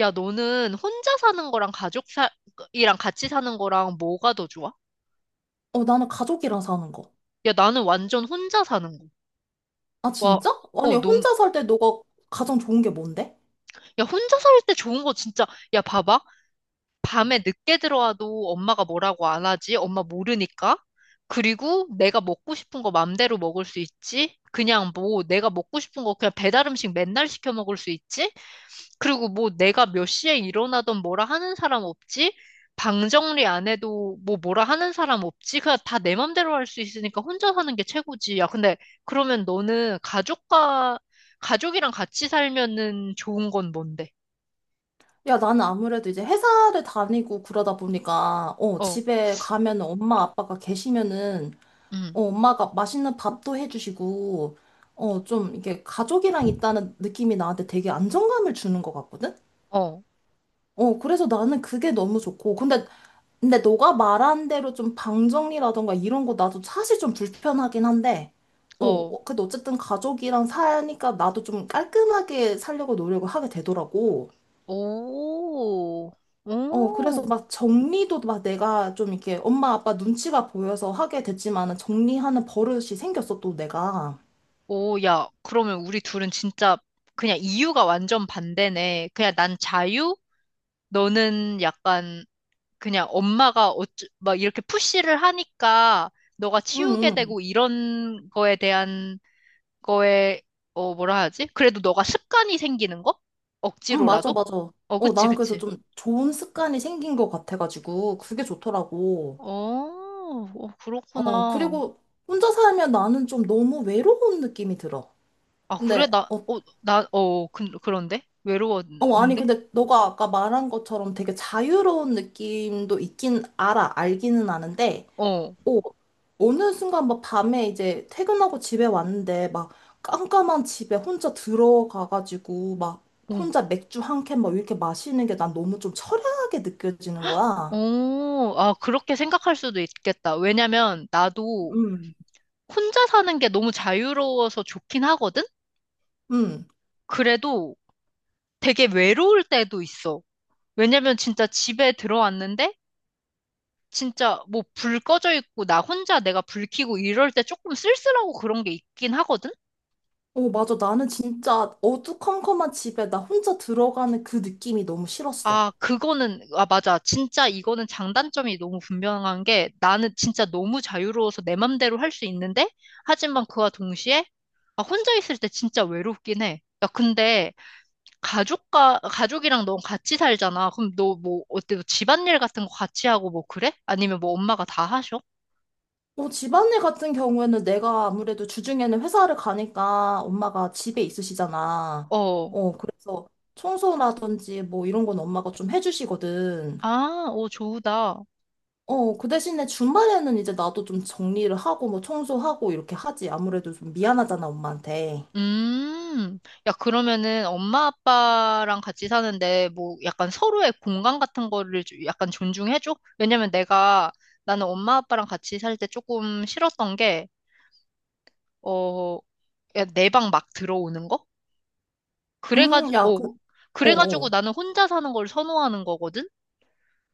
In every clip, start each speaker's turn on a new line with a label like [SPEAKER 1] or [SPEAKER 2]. [SPEAKER 1] 야, 너는 혼자 사는 거랑 가족이랑 같이 사는 거랑 뭐가 더 좋아?
[SPEAKER 2] 어, 나는 가족이랑 사는 거.
[SPEAKER 1] 야, 나는 완전 혼자 사는 거.
[SPEAKER 2] 아,
[SPEAKER 1] 와,
[SPEAKER 2] 진짜? 아니,
[SPEAKER 1] 너무,
[SPEAKER 2] 혼자 살 때 너가 가장 좋은 게 뭔데?
[SPEAKER 1] 야, 혼자 살 때 좋은 거 진짜, 야, 봐봐. 밤에 늦게 들어와도 엄마가 뭐라고 안 하지? 엄마 모르니까. 그리고 내가 먹고 싶은 거 맘대로 먹을 수 있지? 그냥 뭐, 내가 먹고 싶은 거 그냥 배달 음식 맨날 시켜 먹을 수 있지? 그리고 뭐 내가 몇 시에 일어나던 뭐라 하는 사람 없지? 방 정리 안 해도 뭐라 하는 사람 없지? 그냥 다 내 맘대로 할 수 있으니까 혼자 사는 게 최고지. 야, 근데 그러면 너는 가족이랑 같이 살면은 좋은 건 뭔데?
[SPEAKER 2] 야, 나는 아무래도 이제 회사를 다니고 그러다 보니까, 어,
[SPEAKER 1] 어,
[SPEAKER 2] 집에 가면은 엄마 아빠가 계시면은,
[SPEAKER 1] 음,
[SPEAKER 2] 어, 엄마가 맛있는 밥도 해주시고, 어, 좀 이게 가족이랑 있다는 느낌이 나한테 되게 안정감을 주는 것 같거든?
[SPEAKER 1] 어,
[SPEAKER 2] 어, 그래서 나는 그게 너무 좋고. 근데 너가 말한 대로 좀 방정리라던가 이런 거 나도 사실 좀 불편하긴 한데, 어,
[SPEAKER 1] 어,
[SPEAKER 2] 어, 근데 어쨌든 가족이랑 사니까 나도 좀 깔끔하게 살려고 노력을 하게 되더라고.
[SPEAKER 1] 오,
[SPEAKER 2] 어, 그래서
[SPEAKER 1] 오,
[SPEAKER 2] 막 정리도 막 내가 좀 이렇게 엄마 아빠 눈치가 보여서 하게 됐지만은 정리하는 버릇이 생겼어, 또 내가.
[SPEAKER 1] 오, 야, 그러면 우리 둘은 진짜 그냥 이유가 완전 반대네. 그냥 난 자유? 너는 약간 그냥 엄마가 막 이렇게 푸시를 하니까 너가
[SPEAKER 2] 응,
[SPEAKER 1] 치우게
[SPEAKER 2] 응,
[SPEAKER 1] 되고 이런 거에 대한 거에, 어, 뭐라 하지? 그래도 너가 습관이 생기는 거?
[SPEAKER 2] 응, 맞아,
[SPEAKER 1] 억지로라도?
[SPEAKER 2] 맞아.
[SPEAKER 1] 어,
[SPEAKER 2] 어,
[SPEAKER 1] 그치,
[SPEAKER 2] 나는 그래서
[SPEAKER 1] 그치.
[SPEAKER 2] 좀 좋은 습관이 생긴 것 같아가지고, 그게 좋더라고.
[SPEAKER 1] 어, 어,
[SPEAKER 2] 어,
[SPEAKER 1] 그렇구나.
[SPEAKER 2] 그리고 혼자 살면 나는 좀 너무 외로운 느낌이 들어.
[SPEAKER 1] 아, 그래?
[SPEAKER 2] 근데
[SPEAKER 1] 나,
[SPEAKER 2] 어,
[SPEAKER 1] 어, 나, 어, 그, 그런데?
[SPEAKER 2] 어 아니
[SPEAKER 1] 외로웠는데?
[SPEAKER 2] 근데 너가 아까 말한 것처럼 되게 자유로운 느낌도 있긴 알아 알기는 아는데
[SPEAKER 1] 어,
[SPEAKER 2] 어, 어느 순간 막 밤에 이제 퇴근하고 집에 왔는데 막 깜깜한 집에 혼자 들어가가지고 막
[SPEAKER 1] 어,
[SPEAKER 2] 혼자 맥주 한캔 막 이렇게 마시는 게 난 너무 좀 처량하게 느껴지는 거야.
[SPEAKER 1] 어, 아, 그렇게 생각할 수도 있겠다. 왜냐면 나도
[SPEAKER 2] 음.
[SPEAKER 1] 혼자 사는 게 너무 자유로워서 좋긴 하거든?
[SPEAKER 2] 응.
[SPEAKER 1] 그래도 되게 외로울 때도 있어. 왜냐면 진짜 집에 들어왔는데 진짜 뭐 불 꺼져 있고 나 혼자 내가 불 켜고 이럴 때 조금 쓸쓸하고 그런 게 있긴 하거든?
[SPEAKER 2] 어 맞아, 나는 진짜 어두컴컴한 집에 나 혼자 들어가는 그 느낌이 너무 싫었어.
[SPEAKER 1] 아, 그거는, 아, 맞아. 진짜 이거는 장단점이 너무 분명한 게 나는 진짜 너무 자유로워서 내 맘대로 할 수 있는데 하지만 그와 동시에 아, 혼자 있을 때 진짜 외롭긴 해. 야, 근데 가족과 가족이랑 너 같이 살잖아. 그럼 너 뭐 어때? 너 집안일 같은 거 같이 하고 뭐 그래? 아니면 뭐 엄마가 다 하셔?
[SPEAKER 2] 뭐 집안일 같은 경우에는 내가 아무래도 주중에는 회사를 가니까 엄마가 집에 있으시잖아.
[SPEAKER 1] 어.
[SPEAKER 2] 어, 그래서 청소라든지 뭐 이런 건 엄마가 좀 해주시거든.
[SPEAKER 1] 아, 오, 좋다.
[SPEAKER 2] 어, 그 대신에 주말에는 이제 나도 좀 정리를 하고 뭐 청소하고 이렇게 하지. 아무래도 좀 미안하잖아, 엄마한테.
[SPEAKER 1] 음. 야, 그러면은 엄마 아빠랑 같이 사는데 뭐 약간 서로의 공간 같은 거를 좀 약간 존중해줘? 왜냐면 내가 나는 엄마 아빠랑 같이 살 때 조금 싫었던 게, 어, 내 방 막 들어오는 거?
[SPEAKER 2] 야, 그,
[SPEAKER 1] 그래가지고, 어,
[SPEAKER 2] 어,
[SPEAKER 1] 그래가지고
[SPEAKER 2] 어.
[SPEAKER 1] 나는 혼자 사는 걸 선호하는 거거든?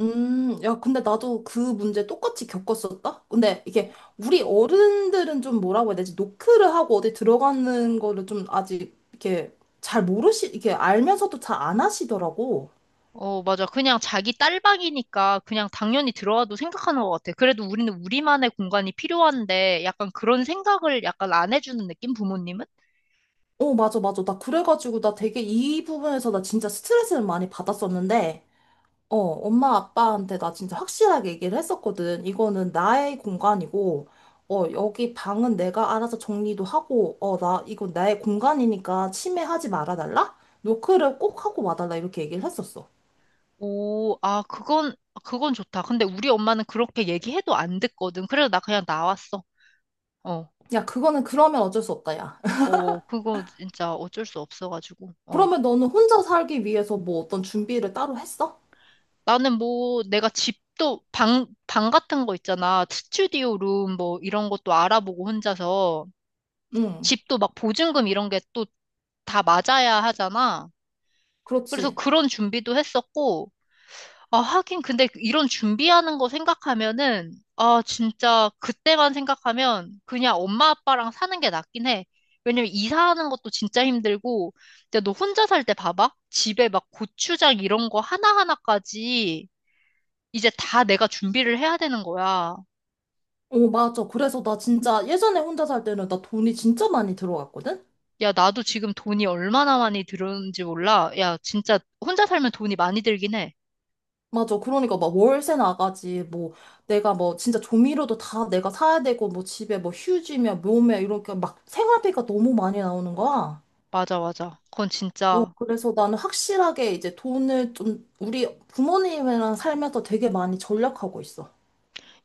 [SPEAKER 2] 야, 근데 나도 그 문제 똑같이 겪었었다? 근데 이게 우리 어른들은 좀 뭐라고 해야 되지? 노크를 하고 어디 들어가는 거를 좀 아직 이렇게 잘 모르시, 이렇게 알면서도 잘 안 하시더라고.
[SPEAKER 1] 어, 맞아. 그냥 자기 딸방이니까 그냥 당연히 들어와도 생각하는 것 같아. 그래도 우리는 우리만의 공간이 필요한데 약간 그런 생각을 약간 안 해주는 느낌? 부모님은?
[SPEAKER 2] 어, 맞아, 맞아. 나 그래가지고 나 되게 이 부분에서 나 진짜 스트레스를 많이 받았었는데 어, 엄마 아빠한테 나 진짜 확실하게 얘기를 했었거든. 이거는 나의 공간이고, 어, 여기 방은 내가 알아서 정리도 하고, 어, 나, 이건 나의 공간이니까 침해하지 말아달라? 노크를 꼭 하고 와달라. 이렇게 얘기를 했었어.
[SPEAKER 1] 오, 아, 그건, 그건 좋다. 근데 우리 엄마는 그렇게 얘기해도 안 듣거든. 그래서 나 그냥 나왔어. 어,
[SPEAKER 2] 야, 그거는 그러면 어쩔 수 없다, 야.
[SPEAKER 1] 어, 그거 진짜 어쩔 수 없어가지고. 어.
[SPEAKER 2] 그러면 너는 혼자 살기 위해서 뭐 어떤 준비를 따로 했어?
[SPEAKER 1] 나는 뭐 내가 집도 방 같은 거 있잖아. 스튜디오 룸 뭐 이런 것도 알아보고 혼자서.
[SPEAKER 2] 응,
[SPEAKER 1] 집도 막 보증금 이런 게또 다 맞아야 하잖아. 그래서
[SPEAKER 2] 그렇지.
[SPEAKER 1] 그런 준비도 했었고, 아, 하긴 근데 이런 준비하는 거 생각하면은, 아, 진짜 그때만 생각하면 그냥 엄마 아빠랑 사는 게 낫긴 해. 왜냐면 이사하는 것도 진짜 힘들고, 근데 너 혼자 살 때 봐봐. 집에 막 고추장 이런 거 하나하나까지 이제 다 내가 준비를 해야 되는 거야.
[SPEAKER 2] 어, 맞아. 그래서 나 진짜 예전에 혼자 살 때는 나 돈이 진짜 많이 들어갔거든?
[SPEAKER 1] 야, 나도 지금 돈이 얼마나 많이 들었는지 몰라. 야, 진짜 혼자 살면 돈이 많이 들긴 해.
[SPEAKER 2] 맞아. 그러니까 막 월세 나가지. 뭐 내가 뭐 진짜 조미료도 다 내가 사야 되고 뭐 집에 뭐 휴지며 몸며 이렇게 막 생활비가 너무 많이 나오는 거야.
[SPEAKER 1] 맞아, 맞아. 그건
[SPEAKER 2] 어,
[SPEAKER 1] 진짜
[SPEAKER 2] 그래서 나는 확실하게 이제 돈을 좀 우리 부모님이랑 살면서 되게 많이 절약하고 있어.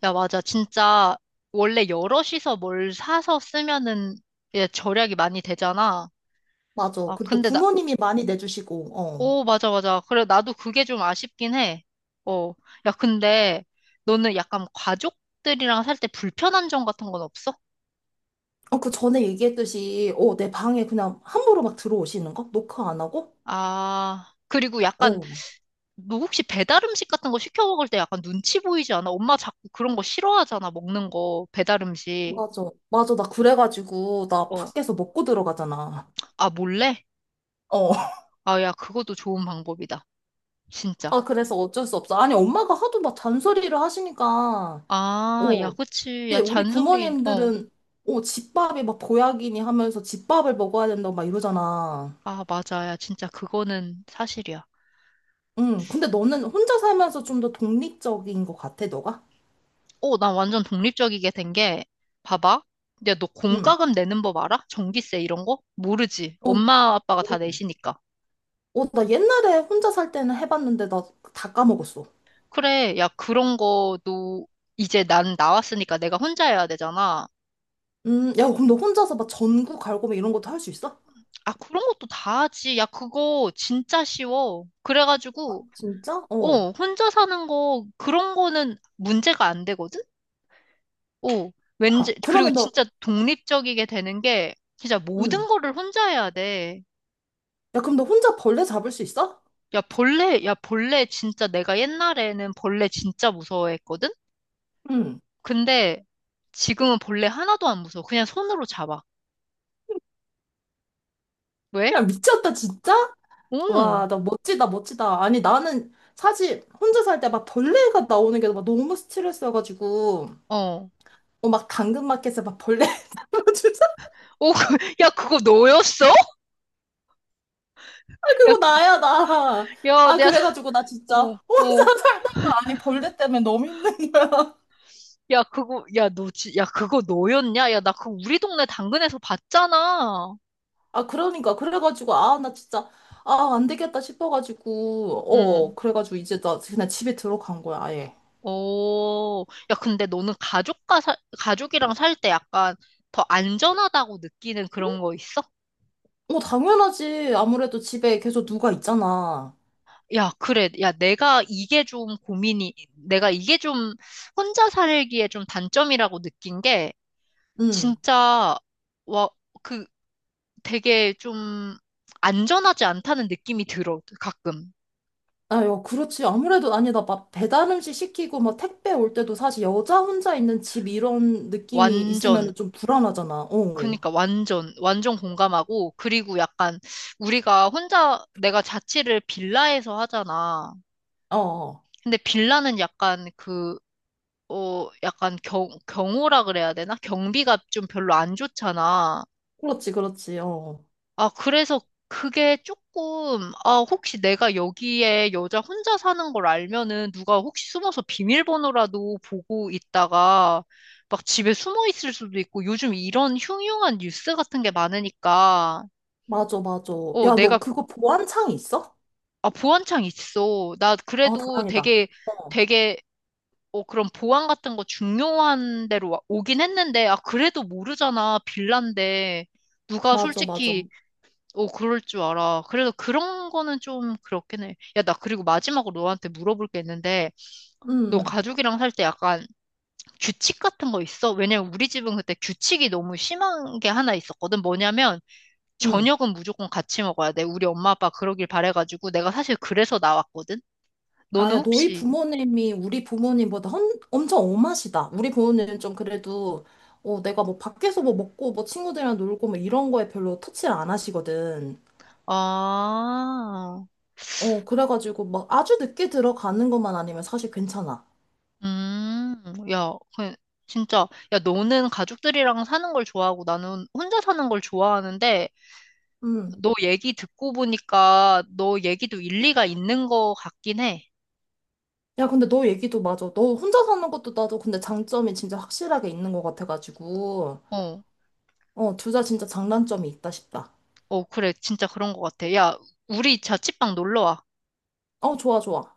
[SPEAKER 1] 야, 맞아. 진짜 원래 여럿이서 뭘 사서 쓰면은 예, 절약이 많이 되잖아.
[SPEAKER 2] 맞아.
[SPEAKER 1] 아,
[SPEAKER 2] 그리고 또
[SPEAKER 1] 근데 나,
[SPEAKER 2] 부모님이 많이 내주시고, 어.
[SPEAKER 1] 오, 맞아, 맞아. 그래, 나도 그게 좀 아쉽긴 해. 어. 야, 근데 너는 약간 가족들이랑 살 때 불편한 점 같은 건 없어?
[SPEAKER 2] 어, 그 전에 얘기했듯이, 어, 내 방에 그냥 함부로 막 들어오시는 거? 노크 안 하고?
[SPEAKER 1] 아, 그리고 약간
[SPEAKER 2] 어,
[SPEAKER 1] 너 혹시 배달 음식 같은 거 시켜 먹을 때 약간 눈치 보이지 않아? 엄마 자꾸 그런 거 싫어하잖아, 먹는 거, 배달 음식.
[SPEAKER 2] 맞아. 맞아. 나 그래가지고, 나
[SPEAKER 1] 어,
[SPEAKER 2] 밖에서 먹고 들어가잖아.
[SPEAKER 1] 아, 몰래?
[SPEAKER 2] 어.
[SPEAKER 1] 아, 야, 그것도 좋은 방법이다. 진짜.
[SPEAKER 2] 아, 그래서 어쩔 수 없어. 아니, 엄마가 하도 막 잔소리를 하시니까,
[SPEAKER 1] 아, 야,
[SPEAKER 2] 어,
[SPEAKER 1] 그치.
[SPEAKER 2] 근데
[SPEAKER 1] 야,
[SPEAKER 2] 우리
[SPEAKER 1] 잔소리. 어.
[SPEAKER 2] 부모님들은, 어, 집밥이 막 보약이니 하면서 집밥을 먹어야 된다고 막 이러잖아.
[SPEAKER 1] 아, 맞아. 야, 진짜 그거는 사실이야.
[SPEAKER 2] 응, 근데 너는 혼자 살면서 좀 더 독립적인 것 같아, 너가?
[SPEAKER 1] 어, 나 완전 독립적이게 된 게, 봐봐. 야, 너
[SPEAKER 2] 응.
[SPEAKER 1] 공과금 내는 법 알아? 전기세 이런 거? 모르지.
[SPEAKER 2] 어,
[SPEAKER 1] 엄마, 아빠가 다 내시니까.
[SPEAKER 2] 어, 나 옛날에 혼자 살 때는 해봤는데 나 다 까먹었어.
[SPEAKER 1] 그래. 야, 그런 거도 이제 난 나왔으니까 내가 혼자 해야 되잖아.
[SPEAKER 2] 야, 그럼 너 혼자서 막 전구 갈고 막 이런 것도 할 수 있어?
[SPEAKER 1] 아, 그런 것도 다 하지. 야, 그거 진짜 쉬워.
[SPEAKER 2] 아,
[SPEAKER 1] 그래가지고,
[SPEAKER 2] 진짜? 어.
[SPEAKER 1] 어, 혼자 사는 거, 그런 거는 문제가 안 되거든? 오,
[SPEAKER 2] 야,
[SPEAKER 1] 왠지, 그리고
[SPEAKER 2] 그러면 너,
[SPEAKER 1] 진짜 독립적이게 되는 게, 진짜
[SPEAKER 2] 응.
[SPEAKER 1] 모든 거를 혼자 해야 돼.
[SPEAKER 2] 야, 그럼 너 혼자 벌레 잡을 수 있어?
[SPEAKER 1] 야, 벌레, 야, 벌레 진짜 내가 옛날에는 벌레 진짜 무서워했거든?
[SPEAKER 2] 응.
[SPEAKER 1] 근데 지금은 벌레 하나도 안 무서워. 그냥 손으로 잡아. 왜?
[SPEAKER 2] 야, 미쳤다, 진짜?
[SPEAKER 1] 오,
[SPEAKER 2] 와, 나 멋지다, 멋지다. 아니, 나는 사실 혼자 살 때 막 벌레가 나오는 게 막 너무 스트레스여가지고,
[SPEAKER 1] 어.
[SPEAKER 2] 어, 막 당근마켓에 막 벌레 주사
[SPEAKER 1] 오, 그, 야, 그거 너였어? 야,
[SPEAKER 2] 그거
[SPEAKER 1] 그,
[SPEAKER 2] 나야, 나.
[SPEAKER 1] 야,
[SPEAKER 2] 아,
[SPEAKER 1] 내가,
[SPEAKER 2] 그래가지고 나 진짜
[SPEAKER 1] 어,
[SPEAKER 2] 혼자
[SPEAKER 1] 어.
[SPEAKER 2] 살다가, 아니, 벌레 때문에 너무 힘든 거야.
[SPEAKER 1] 야, 그거, 야, 너, 야, 그거 너였냐? 야, 나 그거 우리 동네 당근에서 봤잖아.
[SPEAKER 2] 아, 그러니까. 그래가지고, 아, 나 진짜, 아, 안 되겠다 싶어가지고,
[SPEAKER 1] 응.
[SPEAKER 2] 어, 그래가지고 이제 나 그냥 집에 들어간 거야, 아예.
[SPEAKER 1] 오, 야, 근데 너는 가족이랑 살 때 약간 더 안전하다고 느끼는 그런 거 있어?
[SPEAKER 2] 어, 당연하지. 아무래도 집에 계속 누가 있잖아.
[SPEAKER 1] 야, 그래. 야, 내가 이게 좀 혼자 살기에 좀 단점이라고 느낀 게,
[SPEAKER 2] 응.
[SPEAKER 1] 진짜, 와, 그 되게 좀 안전하지 않다는 느낌이 들어, 가끔.
[SPEAKER 2] 아유, 그렇지. 아무래도 아니다. 막 배달 음식 시키고 막 택배 올 때도 사실 여자 혼자 있는 집 이런 느낌이 있으면
[SPEAKER 1] 완전.
[SPEAKER 2] 좀 불안하잖아. 어.
[SPEAKER 1] 그니까 완전, 완전 공감하고, 그리고 약간 우리가 혼자, 내가 자취를 빌라에서 하잖아.
[SPEAKER 2] 어. 어.
[SPEAKER 1] 근데 빌라는 약간 그, 어, 약간 경호라 그래야 되나? 경비가 좀 별로 안 좋잖아.
[SPEAKER 2] 그렇지, 그렇지. 어.
[SPEAKER 1] 아, 그래서 그게 조금, 아, 혹시 내가 여기에 여자 혼자 사는 걸 알면은 누가 혹시 숨어서 비밀번호라도 보고 있다가 막 집에 숨어 있을 수도 있고 요즘 이런 흉흉한 뉴스 같은 게 많으니까,
[SPEAKER 2] 맞아, 맞아.
[SPEAKER 1] 어,
[SPEAKER 2] 야, 너
[SPEAKER 1] 내가,
[SPEAKER 2] 그거 보안창 있어?
[SPEAKER 1] 아, 보안창 있어. 나
[SPEAKER 2] 아,
[SPEAKER 1] 그래도
[SPEAKER 2] 다행이다.
[SPEAKER 1] 되게, 되게 어, 그럼 보안 같은 거 중요한 데로 오긴 했는데, 아, 그래도 모르잖아. 빌란데. 누가
[SPEAKER 2] 맞아, 맞아.
[SPEAKER 1] 솔직히,
[SPEAKER 2] 응,
[SPEAKER 1] 어, 그럴 줄 알아. 그래서 그런 거는 좀 그렇긴 해. 야, 나 그리고 마지막으로 너한테 물어볼 게 있는데, 너
[SPEAKER 2] 응.
[SPEAKER 1] 가족이랑 살 때 약간 규칙 같은 거 있어? 왜냐면 우리 집은 그때 규칙이 너무 심한 게 하나 있었거든. 뭐냐면,
[SPEAKER 2] 응.
[SPEAKER 1] 저녁은 무조건 같이 먹어야 돼. 우리 엄마 아빠 그러길 바래가지고, 내가 사실 그래서 나왔거든?
[SPEAKER 2] 아,
[SPEAKER 1] 너는
[SPEAKER 2] 야, 너희
[SPEAKER 1] 혹시,
[SPEAKER 2] 부모님이 우리 부모님보다 헌, 엄청 엄하시다. 우리 부모님은 좀 그래도, 어, 내가 뭐 밖에서 뭐 먹고 뭐 친구들이랑 놀고 뭐 이런 거에 별로 터치를 안 하시거든.
[SPEAKER 1] 아,
[SPEAKER 2] 어, 그래가지고 막 아주 늦게 들어가는 것만 아니면 사실 괜찮아.
[SPEAKER 1] 음, 야, 그, 진짜, 야, 너는 가족들이랑 사는 걸 좋아하고 나는 혼자 사는 걸 좋아하는데,
[SPEAKER 2] 음.
[SPEAKER 1] 너 얘기 듣고 보니까 너 얘기도 일리가 있는 것 같긴 해.
[SPEAKER 2] 야, 근데 너 얘기도 맞아. 너 혼자 사는 것도 나도 근데 장점이 진짜 확실하게 있는 것 같아가지고.
[SPEAKER 1] 어,
[SPEAKER 2] 어, 둘 다 진짜 장단점이 있다 싶다.
[SPEAKER 1] 어, 그래, 진짜 그런 것 같아. 야, 우리 자취방 놀러 와.
[SPEAKER 2] 어, 좋아, 좋아.